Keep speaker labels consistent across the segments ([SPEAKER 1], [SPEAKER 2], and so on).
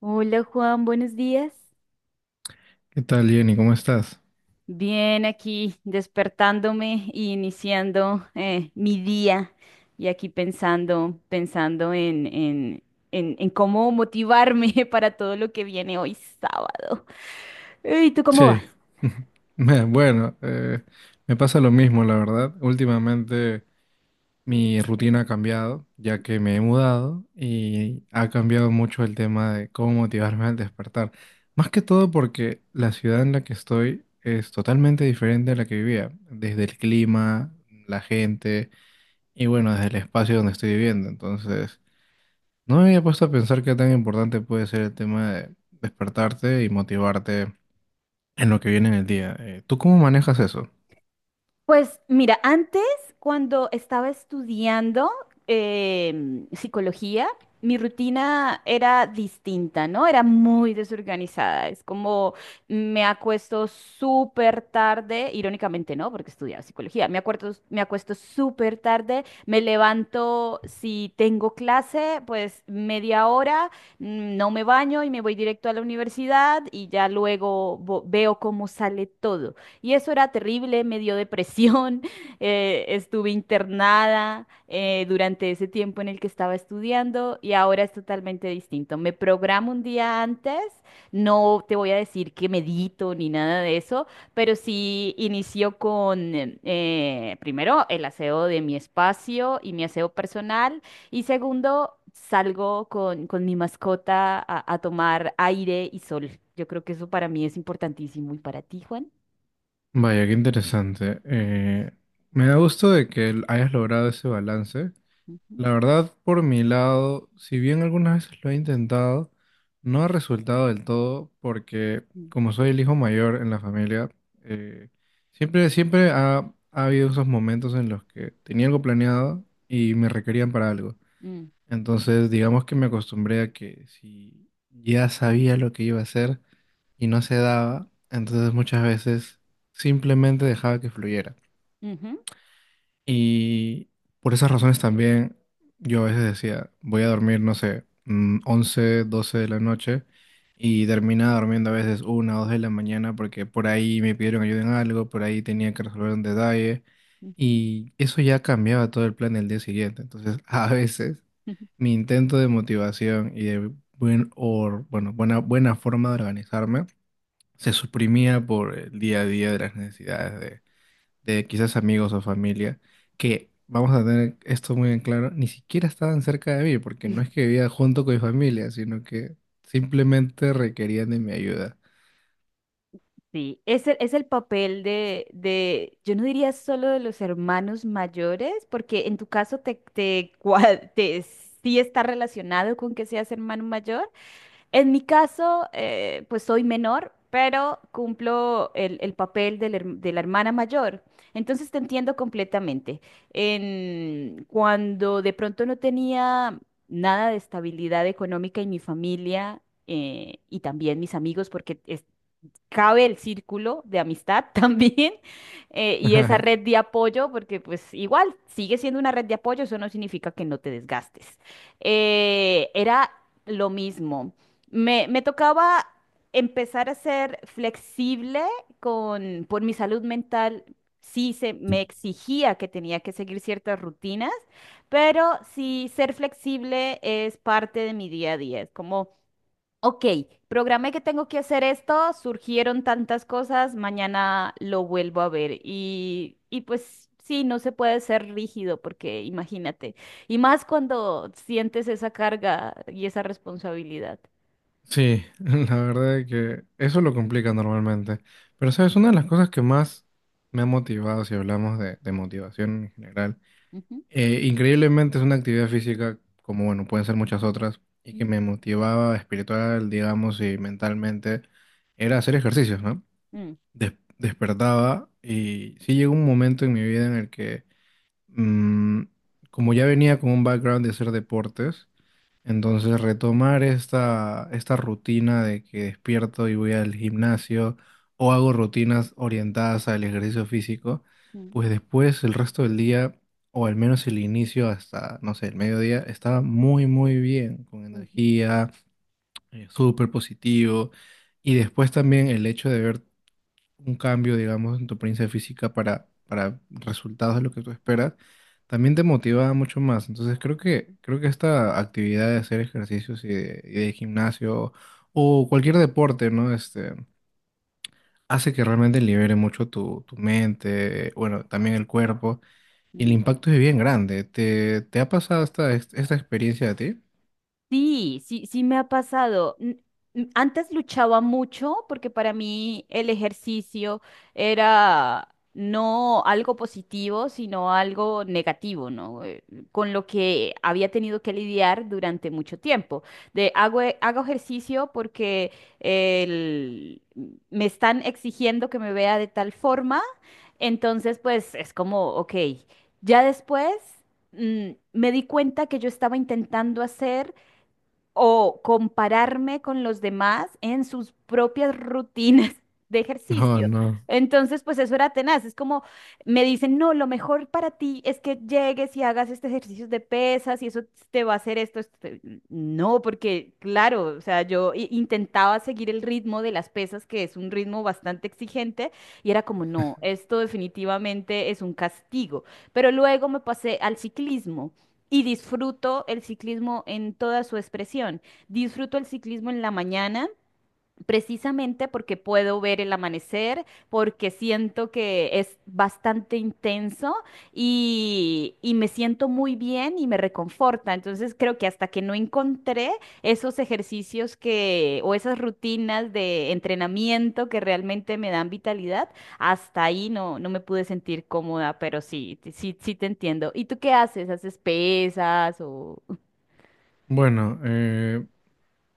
[SPEAKER 1] Hola Juan, buenos días.
[SPEAKER 2] ¿Qué tal, Jenny? ¿Cómo estás?
[SPEAKER 1] Bien, aquí despertándome y iniciando mi día y aquí pensando, pensando en cómo motivarme para todo lo que viene hoy sábado. ¿Y tú cómo vas?
[SPEAKER 2] Sí. Bueno, me pasa lo mismo, la verdad. Últimamente mi rutina ha cambiado, ya que me he mudado y ha cambiado mucho el tema de cómo motivarme al despertar. Más que todo porque la ciudad en la que estoy es totalmente diferente a la que vivía, desde el clima, la gente y bueno, desde el espacio donde estoy viviendo. Entonces, no me había puesto a pensar qué tan importante puede ser el tema de despertarte y motivarte en lo que viene en el día. ¿Tú cómo manejas eso?
[SPEAKER 1] Pues mira, antes cuando estaba estudiando psicología, mi rutina era distinta, ¿no? Era muy desorganizada. Es como me acuesto súper tarde, irónicamente no, porque estudiaba psicología. Me acuerdo, me acuesto súper tarde, me levanto si tengo clase, pues media hora, no me baño y me voy directo a la universidad y ya luego veo cómo sale todo y eso era terrible, me dio depresión, estuve internada durante ese tiempo en el que estaba estudiando y ahora es totalmente distinto. Me programo un día antes, no te voy a decir que medito ni nada de eso, pero sí inicio con primero el aseo de mi espacio y mi aseo personal y segundo salgo con mi mascota a tomar aire y sol. Yo creo que eso para mí es importantísimo y para ti, Juan.
[SPEAKER 2] Vaya, qué interesante. Me da gusto de que hayas logrado ese balance.
[SPEAKER 1] Ujú,
[SPEAKER 2] La verdad, por mi lado, si bien algunas veces lo he intentado, no ha resultado del todo porque
[SPEAKER 1] mm,
[SPEAKER 2] como soy el hijo mayor en la familia, eh, siempre ha habido esos momentos en los que tenía algo planeado y me requerían para algo.
[SPEAKER 1] mm,
[SPEAKER 2] Entonces, digamos que me acostumbré a que si ya sabía lo que iba a hacer y no se daba, entonces muchas veces simplemente dejaba que fluyera.
[SPEAKER 1] ujú,
[SPEAKER 2] Y por esas razones también yo a veces decía, voy a dormir, no sé, 11, 12 de la noche y terminaba durmiendo a veces una o 2 de la mañana porque por ahí me pidieron ayuda en algo, por ahí tenía que resolver un detalle
[SPEAKER 1] ujú, ujú.
[SPEAKER 2] y eso ya cambiaba todo el plan del día siguiente. Entonces, a veces, mi intento de motivación y de bueno, buena forma de organizarme se suprimía por el día a día de las necesidades de quizás amigos o familia, que vamos a tener esto muy en claro, ni siquiera estaban cerca de mí, porque no es que vivía junto con mi familia, sino que simplemente requerían de mi ayuda.
[SPEAKER 1] Sí, es es el papel yo no diría solo de los hermanos mayores, porque en tu caso sí está relacionado con que seas hermano mayor. En mi caso, pues soy menor, pero cumplo el papel de la hermana mayor. Entonces te entiendo completamente. En, cuando de pronto no tenía nada de estabilidad económica en mi familia, y también mis amigos, cabe el círculo de amistad también, y esa
[SPEAKER 2] Ajá.
[SPEAKER 1] red de apoyo, porque pues igual sigue siendo una red de apoyo, eso no significa que no te desgastes. Era lo mismo. Me tocaba empezar a ser flexible, por mi salud mental. Sí, se me exigía que tenía que seguir ciertas rutinas, pero sí, ser flexible es parte de mi día a día. Es como, ok, programé que tengo que hacer esto, surgieron tantas cosas, mañana lo vuelvo a ver. Y pues sí, no se puede ser rígido porque imagínate, y más cuando sientes esa carga y esa responsabilidad.
[SPEAKER 2] Sí, la verdad es que eso lo complica normalmente. Pero sabes, una de las cosas que más me ha motivado, si hablamos de motivación en general,
[SPEAKER 1] Ujú,
[SPEAKER 2] Increíblemente es una actividad física, como bueno, pueden ser muchas otras, y que
[SPEAKER 1] ujú,
[SPEAKER 2] me motivaba espiritual, digamos, y mentalmente, era hacer ejercicios, ¿no?
[SPEAKER 1] mm,
[SPEAKER 2] Des- Despertaba y sí llegó un momento en mi vida en el que, mm, como ya venía con un background de hacer deportes, entonces, retomar esta rutina de que despierto y voy al gimnasio o hago rutinas orientadas al ejercicio físico,
[SPEAKER 1] mm,
[SPEAKER 2] pues después el resto del día, o al menos el inicio hasta, no sé, el mediodía, estaba muy, muy bien, con
[SPEAKER 1] ujú,
[SPEAKER 2] energía, súper positivo. Y después también el hecho de ver un cambio, digamos, en tu apariencia física para resultados de lo que tú esperas, también te motiva mucho más. Entonces creo que esta actividad de hacer ejercicios y de gimnasio o cualquier deporte, ¿no? Hace que realmente libere mucho tu mente, bueno, también el cuerpo, y el
[SPEAKER 1] mm.
[SPEAKER 2] impacto es bien grande. ¿Te ha pasado esta experiencia a ti?
[SPEAKER 1] Sí, sí, sí me ha pasado. Antes luchaba mucho porque para mí el ejercicio era no algo positivo, sino algo negativo, ¿no? Con lo que había tenido que lidiar durante mucho tiempo. Hago ejercicio porque el- me están exigiendo que me vea de tal forma, entonces pues es como, ok, ya después, me di cuenta que yo estaba intentando hacer o compararme con los demás en sus propias rutinas de
[SPEAKER 2] No,
[SPEAKER 1] ejercicio.
[SPEAKER 2] no.
[SPEAKER 1] Entonces, pues eso era tenaz. Es como, me dicen, no, lo mejor para ti es que llegues y hagas este ejercicio de pesas y eso te va a hacer esto. Esto te-. No, porque claro, o sea, yo intentaba seguir el ritmo de las pesas, que es un ritmo bastante exigente, y era como, no, esto definitivamente es un castigo. Pero luego me pasé al ciclismo y disfruto el ciclismo en toda su expresión. Disfruto el ciclismo en la mañana precisamente porque puedo ver el amanecer, porque siento que es bastante intenso y me siento muy bien y me reconforta. Entonces creo que hasta que no encontré esos ejercicios que o esas rutinas de entrenamiento que realmente me dan vitalidad, hasta ahí no, no me pude sentir cómoda, pero sí, sí, sí te entiendo. ¿Y tú qué haces? ¿Haces pesas o...?
[SPEAKER 2] Bueno,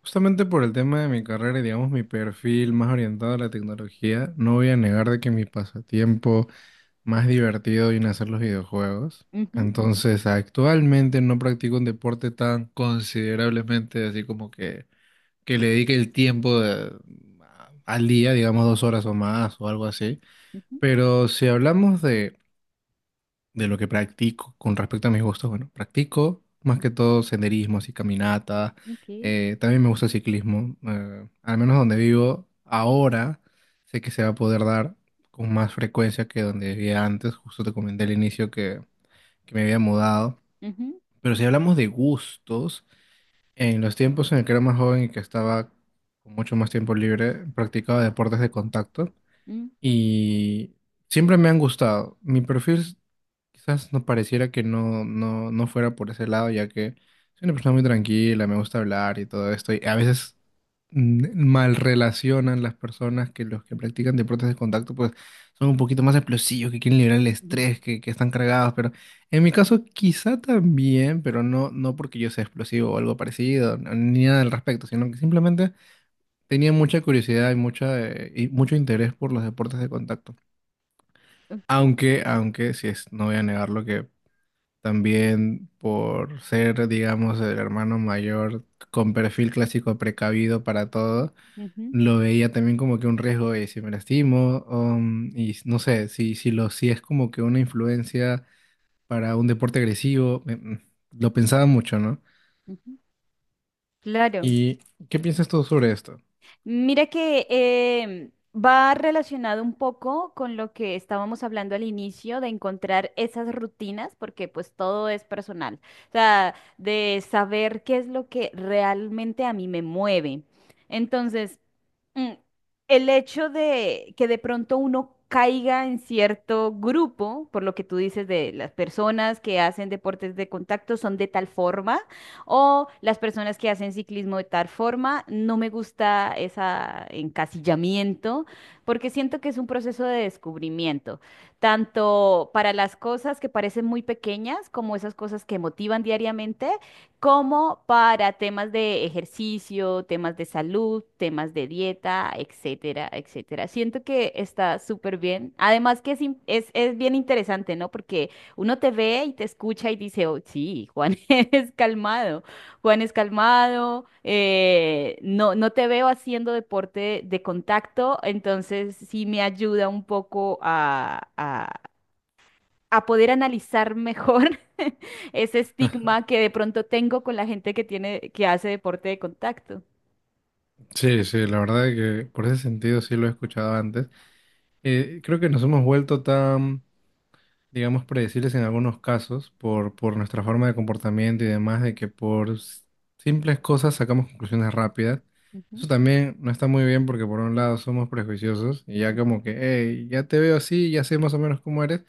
[SPEAKER 2] justamente por el tema de mi carrera y digamos mi perfil más orientado a la tecnología, no voy a negar de que mi pasatiempo más divertido viene a ser los videojuegos.
[SPEAKER 1] Ujú,
[SPEAKER 2] Entonces, actualmente no practico un deporte tan considerablemente así como que le dedique el tiempo al día, digamos 2 horas o más o algo así.
[SPEAKER 1] ujú,
[SPEAKER 2] Pero si hablamos de lo que practico con respecto a mis gustos, bueno, practico más que todo senderismo, así caminata,
[SPEAKER 1] ok,
[SPEAKER 2] también me gusta el ciclismo, al menos donde vivo ahora sé que se va a poder dar con más frecuencia que donde vivía antes, justo te comenté al inicio que me había mudado,
[SPEAKER 1] ujú,
[SPEAKER 2] pero si hablamos de gustos, en los tiempos en el que era más joven y que estaba con mucho más tiempo libre, practicaba deportes de contacto
[SPEAKER 1] mm,
[SPEAKER 2] y siempre me han gustado. Mi perfil quizás no pareciera que no fuera por ese lado, ya que soy una persona muy tranquila, me gusta hablar y todo esto, y a veces mal relacionan las personas que los que practican deportes de contacto, pues son un poquito más explosivos, que quieren liberar el
[SPEAKER 1] ujú,
[SPEAKER 2] estrés, que están cargados, pero en mi caso quizá también, pero no porque yo sea explosivo o algo parecido, ni nada al respecto, sino que simplemente. Tenía mucha curiosidad y mucho interés por los deportes de contacto.
[SPEAKER 1] ok,
[SPEAKER 2] Aunque, si es, no voy a negarlo, que también por ser, digamos, el hermano mayor con perfil clásico precavido para todo,
[SPEAKER 1] ujú.
[SPEAKER 2] lo veía también como que un riesgo y si me lastimo, y no sé, si es como que una influencia para un deporte agresivo, lo pensaba mucho, ¿no?
[SPEAKER 1] Ujú, claro.
[SPEAKER 2] ¿Y qué piensas tú sobre esto?
[SPEAKER 1] Mira que va relacionado un poco con lo que estábamos hablando al inicio de encontrar esas rutinas, porque pues todo es personal. O sea, de saber qué es lo que realmente a mí me mueve. Entonces, mm, el hecho de que de pronto uno caiga en cierto grupo, por lo que tú dices de las personas que hacen deportes de contacto son de tal forma, o las personas que hacen ciclismo de tal forma, no me gusta ese encasillamiento, porque siento que es un proceso de descubrimiento, tanto para las cosas que parecen muy pequeñas como esas cosas que motivan diariamente como para temas de ejercicio, temas de salud, temas de dieta, etcétera, etcétera. Siento que está súper bien. Además que es, es bien interesante, ¿no? Porque uno te ve y te escucha y dice, oh, sí, Juan es calmado, Juan es calmado, no, no te veo haciendo deporte de contacto, entonces sí me ayuda un poco a poder analizar mejor ese estigma que de pronto tengo con la gente que hace deporte de contacto.
[SPEAKER 2] Sí, sí, la verdad es que por ese sentido sí lo he escuchado antes. Creo que nos hemos vuelto tan, digamos, predecibles en algunos casos por nuestra forma de comportamiento y demás, de que por simples cosas sacamos conclusiones rápidas. Eso
[SPEAKER 1] Ujú,
[SPEAKER 2] también no está muy bien porque por un lado somos prejuiciosos y ya
[SPEAKER 1] ujú,
[SPEAKER 2] como que, hey, ya te veo así, ya sé más o menos cómo eres.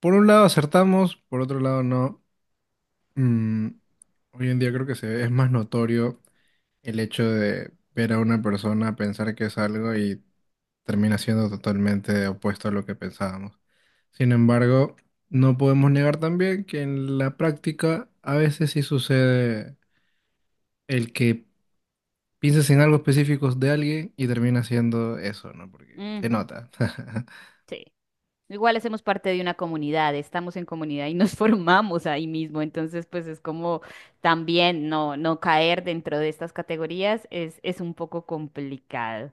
[SPEAKER 2] Por un lado acertamos, por otro lado no. Mm, Hoy en día creo que es más notorio el hecho de ver a una persona, pensar que es algo y termina siendo totalmente opuesto a lo que pensábamos. Sin embargo, no podemos negar también que en la práctica a veces sí sucede el que pienses en algo específico de alguien y termina siendo eso, ¿no? Porque se
[SPEAKER 1] ujú,
[SPEAKER 2] nota.
[SPEAKER 1] sí. Igual hacemos parte de una comunidad, estamos en comunidad y nos formamos ahí mismo. Entonces, pues es como también no, no caer dentro de estas categorías es un poco complicado.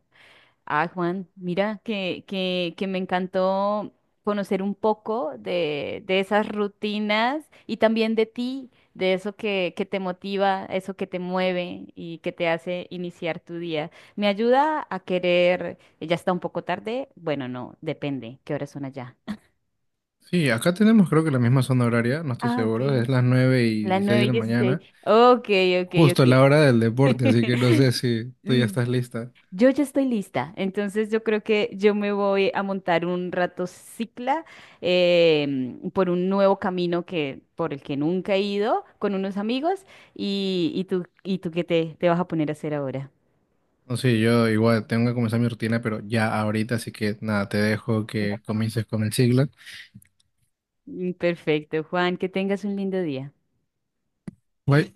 [SPEAKER 1] Ah, Juan, mira que me encantó conocer un poco de esas rutinas y también de ti, de eso que te motiva, eso que te mueve y que te hace iniciar tu día. Me ayuda a querer, ya está un poco tarde, bueno, no, depende, ¿qué horas son allá?
[SPEAKER 2] Sí, acá tenemos creo que la misma zona horaria, no estoy
[SPEAKER 1] Ah,
[SPEAKER 2] seguro,
[SPEAKER 1] ok.
[SPEAKER 2] es las 9 y
[SPEAKER 1] Las
[SPEAKER 2] 16
[SPEAKER 1] nueve
[SPEAKER 2] de
[SPEAKER 1] y
[SPEAKER 2] la
[SPEAKER 1] dieciséis.
[SPEAKER 2] mañana,
[SPEAKER 1] Ok, ok,
[SPEAKER 2] justo
[SPEAKER 1] ok.
[SPEAKER 2] a la hora del deporte, así que no sé si tú ya
[SPEAKER 1] Mm.
[SPEAKER 2] estás lista.
[SPEAKER 1] Yo ya estoy lista, entonces yo creo que yo me voy a montar un rato cicla, por un nuevo camino que por el que nunca he ido con unos amigos. Y tú qué te vas a poner a hacer ahora.
[SPEAKER 2] No sé, yo igual tengo que comenzar mi rutina, pero ya ahorita, así que nada, te dejo que comiences con el siglo.
[SPEAKER 1] Perfecto, Juan, que tengas un lindo día.
[SPEAKER 2] Güey.